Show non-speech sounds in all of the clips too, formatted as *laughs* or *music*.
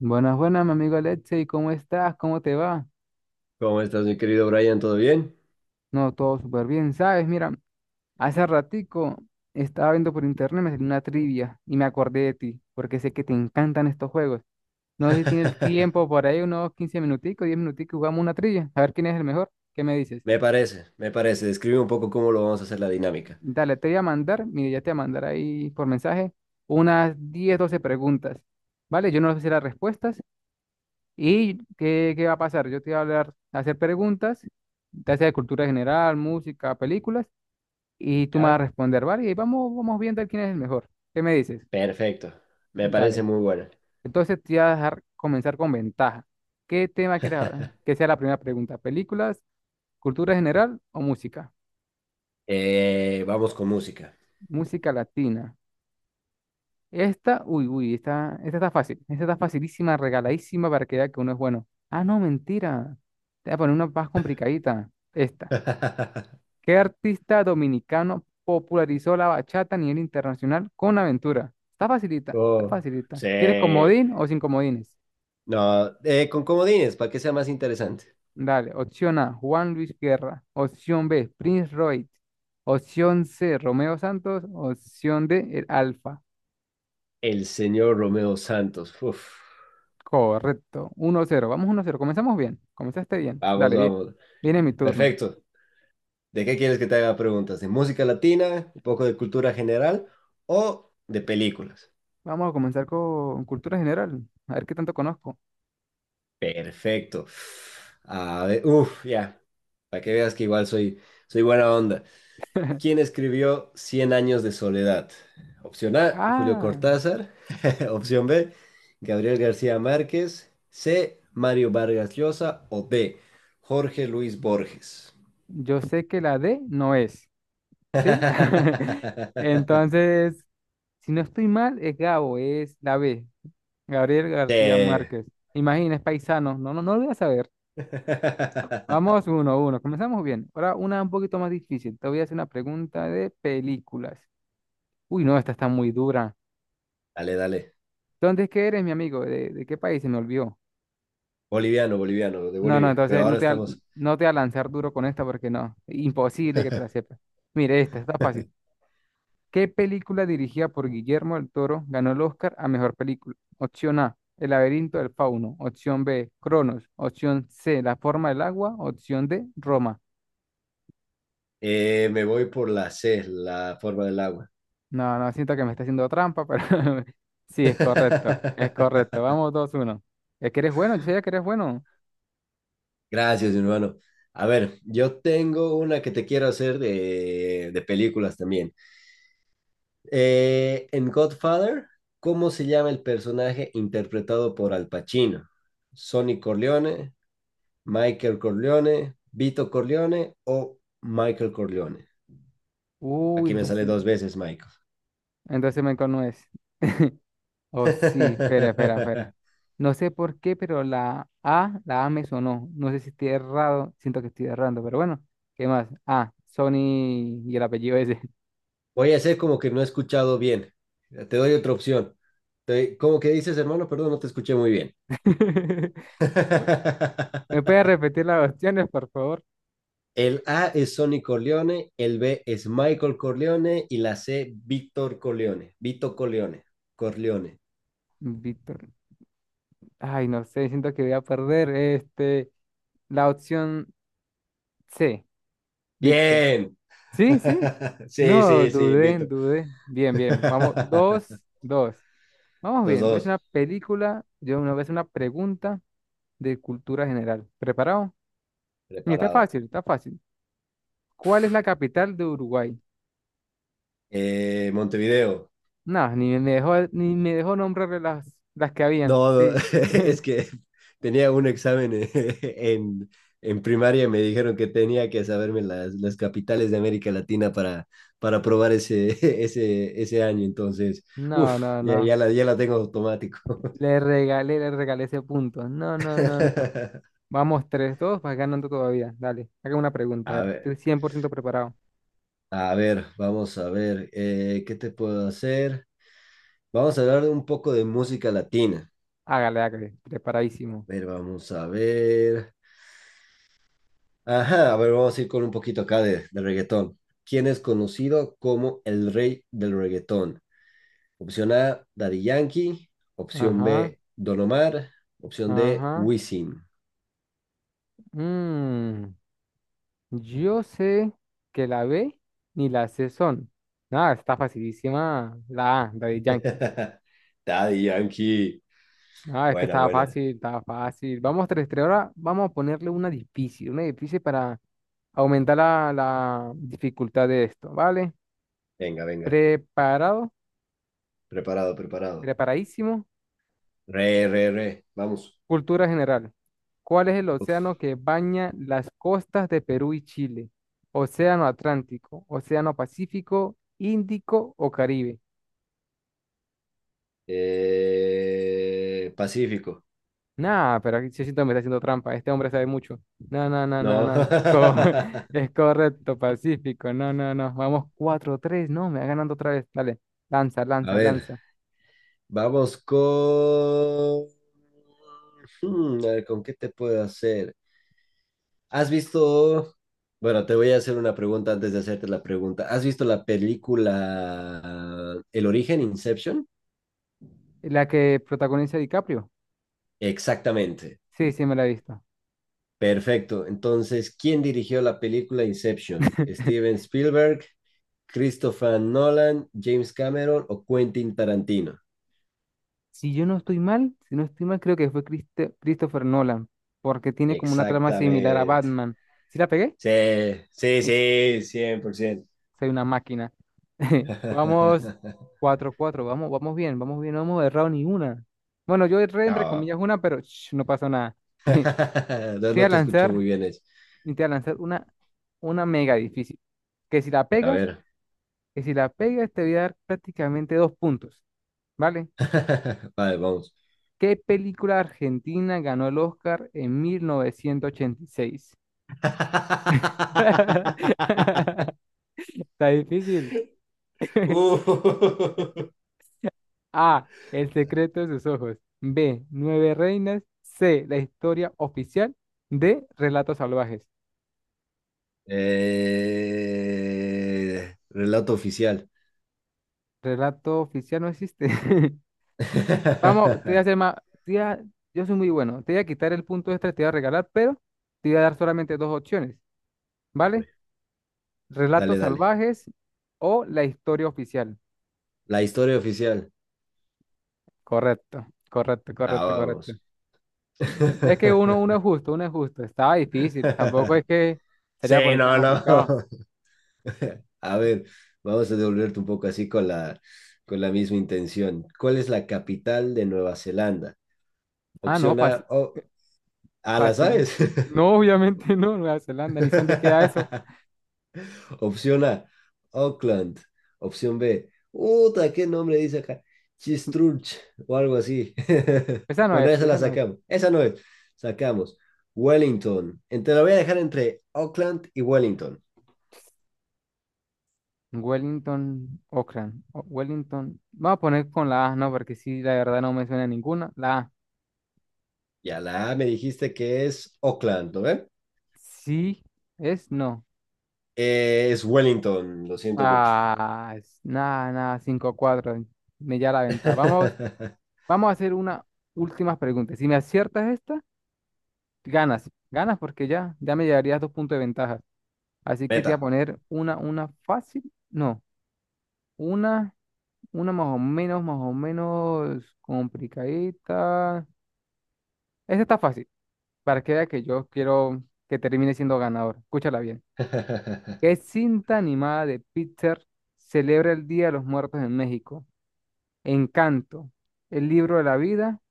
Buenas, buenas, mi amigo Alexei, ¿cómo estás? ¿Cómo te va? ¿Cómo estás, mi querido Brian? ¿Todo bien? No, todo súper bien, ¿sabes? Mira, hace ratico estaba viendo por internet, me salió una trivia y me acordé de ti, porque sé que te encantan estos juegos. No sé si tienes el *laughs* tiempo por ahí, unos 15 minuticos, 10 minuticos, jugamos una trivia, a ver quién es el mejor. ¿Qué me dices? Me parece, me parece. Describe un poco cómo lo vamos a hacer la dinámica. Dale, te voy a mandar, mire, ya te voy a mandar ahí por mensaje unas 10, 12 preguntas, ¿vale? Yo no sé si las respuestas. ¿Y qué va a pasar? Yo te voy a hacer preguntas, te hace de cultura general, música, películas, y tú me vas a ¿Ya? responder, ¿vale? Y ahí vamos, vamos viendo quién es el mejor. ¿Qué me dices? Perfecto. Me parece Dale. muy buena. Entonces te voy a dejar comenzar con ventaja. ¿Qué tema quieres hablar? Que *laughs* sea la primera pregunta. ¿Películas, cultura general o música? Vamos con música. Música latina. Esta, uy, uy, esta está fácil. Esta está facilísima, regaladísima para que vea que uno es bueno. Ah, no, mentira. Te voy a poner una más complicadita. Esta. *laughs* ¿Qué artista dominicano popularizó la bachata a nivel internacional con Aventura? Está facilita, está Oh, facilita. ¿Quieres sí. comodín o sin comodines? No, con comodines, para que sea más interesante. Dale, opción A, Juan Luis Guerra. Opción B, Prince Royce. Opción C, Romeo Santos. Opción D, el Alfa. El señor Romeo Santos. Uf. Correcto, uno cero. Vamos uno cero. Comenzamos bien. Comenzaste bien. Vamos, Dale, bien. vamos. Viene mi turno. Perfecto. ¿De qué quieres que te haga preguntas? ¿De música latina, un poco de cultura general o de películas? Vamos a comenzar con cultura general. A ver qué tanto conozco. Perfecto. A ver, uff, ya. Para que veas que igual soy buena onda. *laughs* ¿Quién escribió Cien años de soledad? Opción A, Julio Ah, Cortázar. *laughs* Opción B, Gabriel García Márquez. C, Mario Vargas Llosa. O D, Jorge Luis Borges. yo sé que la D no es. ¿Sí? *laughs* *laughs* Entonces, si no estoy mal, es Gabo, es la B, Gabriel Sí. García Márquez. Imagina, es paisano. No, no, no lo voy a saber. *laughs* Vamos uno a uno. Comenzamos bien. Ahora una un poquito más difícil. Te voy a hacer una pregunta de películas. Uy, no, esta está muy dura. Dale, dale. ¿Dónde es que eres, mi amigo? ¿De qué país? Se me olvidó. Boliviano, boliviano, de No, no, Bolivia. Pero entonces ahora estamos. no te voy a lanzar duro con esta porque no. Imposible que te la *laughs* sepas. Mire, esta está fácil. ¿Qué película dirigida por Guillermo del Toro ganó el Oscar a mejor película? Opción A, El laberinto del fauno. Opción B, Cronos. Opción C, La forma del agua. Opción D, Roma. Me voy por la C, la forma del agua. No, no, siento que me está haciendo trampa, pero *laughs* sí, es correcto. Es correcto. *laughs* Vamos, dos uno. Es que eres bueno, yo sabía que eres bueno. Gracias, mi hermano. A ver, yo tengo una que te quiero hacer de películas también. En Godfather, ¿cómo se llama el personaje interpretado por Al Pacino? ¿Sonny Corleone, Michael Corleone, Vito Corleone o Michael Corleone? Aquí Uy, me sale sí. dos veces Michael. Entonces me no Oh, sí, espera, espera, espera. *laughs* No sé por qué, pero la A me sonó. No sé si estoy errado, siento que estoy errando, pero bueno, ¿qué más? Ah, Sony y el apellido ese. Voy a hacer como que no he escuchado bien. Te doy otra opción. ¿Cómo que dices, hermano? Perdón, no te escuché muy bien. *laughs* ¿Me *laughs* puedes repetir las opciones, por favor? El A es Sonny Corleone, el B es Michael Corleone y la C, Víctor Corleone. Vito Corleone. Corleone. Víctor. Ay, no sé, siento que voy a perder. Este, la opción C, Víctor. Bien. Sí, sí. *laughs* Sí, No, sí, sí, dudé, Vito. dudé. Bien, bien. Vamos, *laughs* dos, dos. Vamos Los bien. Voy a hacer dos, una película. Yo una vez una pregunta de cultura general. ¿Preparado? Y está preparado. fácil, está fácil. ¿Cuál es la capital de Uruguay? Montevideo. No, ni me dejó, ni me dejó nombrar las que habían. No, Sí. *laughs* es *laughs* que tenía un examen *laughs* en primaria y me dijeron que tenía que saberme las capitales de América Latina para aprobar ese, *laughs* ese año. Entonces, No, uff, no, ya, no. ya la, ya la tengo automático. Le regalé ese punto. No, no, no, no. *laughs* Vamos, tres 2, vas ganando todavía. Dale, haga una pregunta. A A ver, estoy ver, cien por ciento preparado. a ver, vamos a ver, ¿qué te puedo hacer? Vamos a hablar de un poco de música latina. Hágale, hágale. Preparadísimo. A ver, vamos a ver. Ajá, a ver, vamos a ir con un poquito acá de reggaetón. ¿Quién es conocido como el rey del reggaetón? Opción A, Daddy Yankee. Opción Ajá, B, Don Omar. Opción D, ajá. Wisin. Mm. Yo sé que la B ni la C son. Nada, está facilísima la A, la de Yankee. *laughs* Daddy Yankee. Nada, es que Buena, estaba buena. fácil, estaba fácil. Vamos, tres tres. Ahora vamos a ponerle una difícil para aumentar la dificultad de esto, ¿vale? Venga, venga. Preparado, Preparado, preparado. preparadísimo. Re, re, re. Vamos. Cultura general. ¿Cuál es el océano que baña las costas de Perú y Chile? Océano Atlántico, Océano Pacífico, Índico o Caribe. Pacífico. Nah, pero aquí sí siento que me está haciendo trampa. Este hombre sabe mucho. No, no, no, no, No. *laughs* no. A *laughs* es correcto, Pacífico. No, no, no. Vamos cuatro tres. No, me va ganando otra vez. Dale. Lanza, lanza, ver. lanza. Vamos con... a ver, ¿con qué te puedo hacer? ¿Has visto... Bueno, te voy a hacer una pregunta antes de hacerte la pregunta. ¿Has visto la película El origen, Inception? La que protagoniza DiCaprio. Exactamente. Sí, sí, me la he visto. Perfecto. Entonces, ¿quién dirigió la película Inception? ¿Steven *laughs* Spielberg, Christopher Nolan, James Cameron o Quentin Tarantino? Si no estoy mal, creo que fue Christopher Nolan, porque tiene como una trama similar a Exactamente. Batman. ¿Sí la pegué? Sí, sí, sí, 100%. Soy una máquina. *laughs* Vamos *laughs* cuatro cuatro. Vamos, vamos bien, vamos bien. No hemos errado ni una. Bueno, yo erré entre No. comillas una, pero sh, no pasó nada. *laughs* Te *laughs* No, voy a no te escuché lanzar, muy bien eso. y te voy a lanzar una mega difícil. Que si la A pegas, ver. que si la pegas, te voy a dar prácticamente dos puntos. ¿Vale? *laughs* Vale, vamos. ¿Qué película argentina ganó el Oscar en mil novecientos ochenta y seis? *laughs* *laughs* Está difícil. *laughs* Uh. A. El secreto de sus ojos. B. Nueve reinas. C. La historia oficial. D. Relatos salvajes. Relato oficial. Relato oficial no existe. *laughs* *laughs* Vamos, te voy a hacer más. te voy a- yo soy muy bueno. Te voy a quitar el punto extra, te voy a regalar, pero te voy a dar solamente dos opciones, ¿vale? Dale, Relatos dale. salvajes o la historia oficial. La historia oficial. Correcto, correcto, Ah, correcto, correcto. vamos. Es que uno, uno es justo, uno es justo. Estaba difícil. Tampoco es *laughs* que sería Sí, poner tan no, no. complicado. *laughs* A ver, vamos a devolverte un poco así con la misma intención. ¿Cuál es la capital de Nueva Zelanda? Ah, no, Opción fácil. A, oh, ah, ¿la Fácil. sabes? No, obviamente *laughs* no, Nueva Zelanda, ni sé dónde queda eso. *laughs* Opción A, Auckland. Opción B, puta, ¿qué nombre dice acá? Christchurch o algo así. *laughs* Esa no Bueno, es, esa la esa no es. sacamos. Esa no es. Sacamos Wellington. Te la voy a dejar entre Auckland y Wellington. Wellington, Auckland, Wellington. Vamos a poner con la A, no, porque sí, la verdad no me suena ninguna. La A. Ya la A me dijiste que es Auckland, ¿no ve? Sí, es no. Es Wellington, lo siento mucho. Ah, nada, nada, cinco cuatro. Me ya la venta. Vamos, *laughs* vamos a hacer una última pregunta. Si me aciertas esta, ganas. Ganas porque ya, me llevarías dos puntos de ventaja. Así que te voy a Meta. poner una fácil. No, una. Una más o menos complicadita. Esta está fácil, para que vea que yo quiero que termine siendo ganador. Escúchala bien. *laughs* ¿Qué cinta animada de Pixar celebra el Día de los Muertos en México? Encanto, El Libro de la Vida,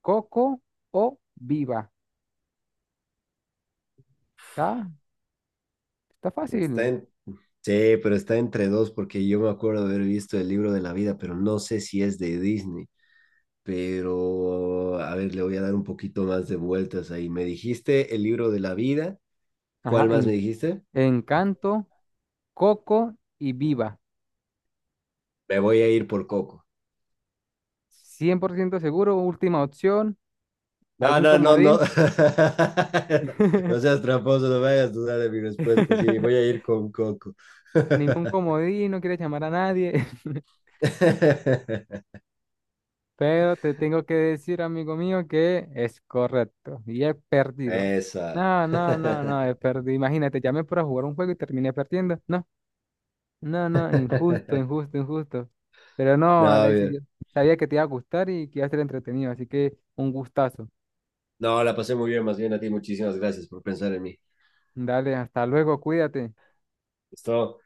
Coco o Viva. Está, está Está fácil. en Sí, pero está entre dos porque yo me acuerdo haber visto el libro de la vida, pero no sé si es de Disney. Pero, a ver, le voy a dar un poquito más de vueltas ahí. Me dijiste el libro de la vida. Ajá, ¿Cuál más me dijiste? Encanto, Coco y Viva. Me voy a ir por Coco. Cien por ciento seguro, última opción, No, algún no, no, no. comodín. *laughs* No seas *laughs* tramposo, no me hagas dudar de mi respuesta. Sí, voy a ir con Coco. Ningún comodín, no quieres llamar a nadie. *laughs* *laughs* Pero te tengo que decir, amigo mío, que es correcto. Y he perdido. Esa. No, no, no, no, *laughs* he perdido. Imagínate, llamé para jugar un juego y terminé perdiendo. No, no, no, injusto, injusto, injusto. Pero no, No, Alexis, yo bien. sabía que te iba a gustar y que iba a ser entretenido. Así que un gustazo. No, la pasé muy bien, más bien a ti. Muchísimas gracias por pensar en mí. Dale, hasta luego, cuídate. ¿Listo?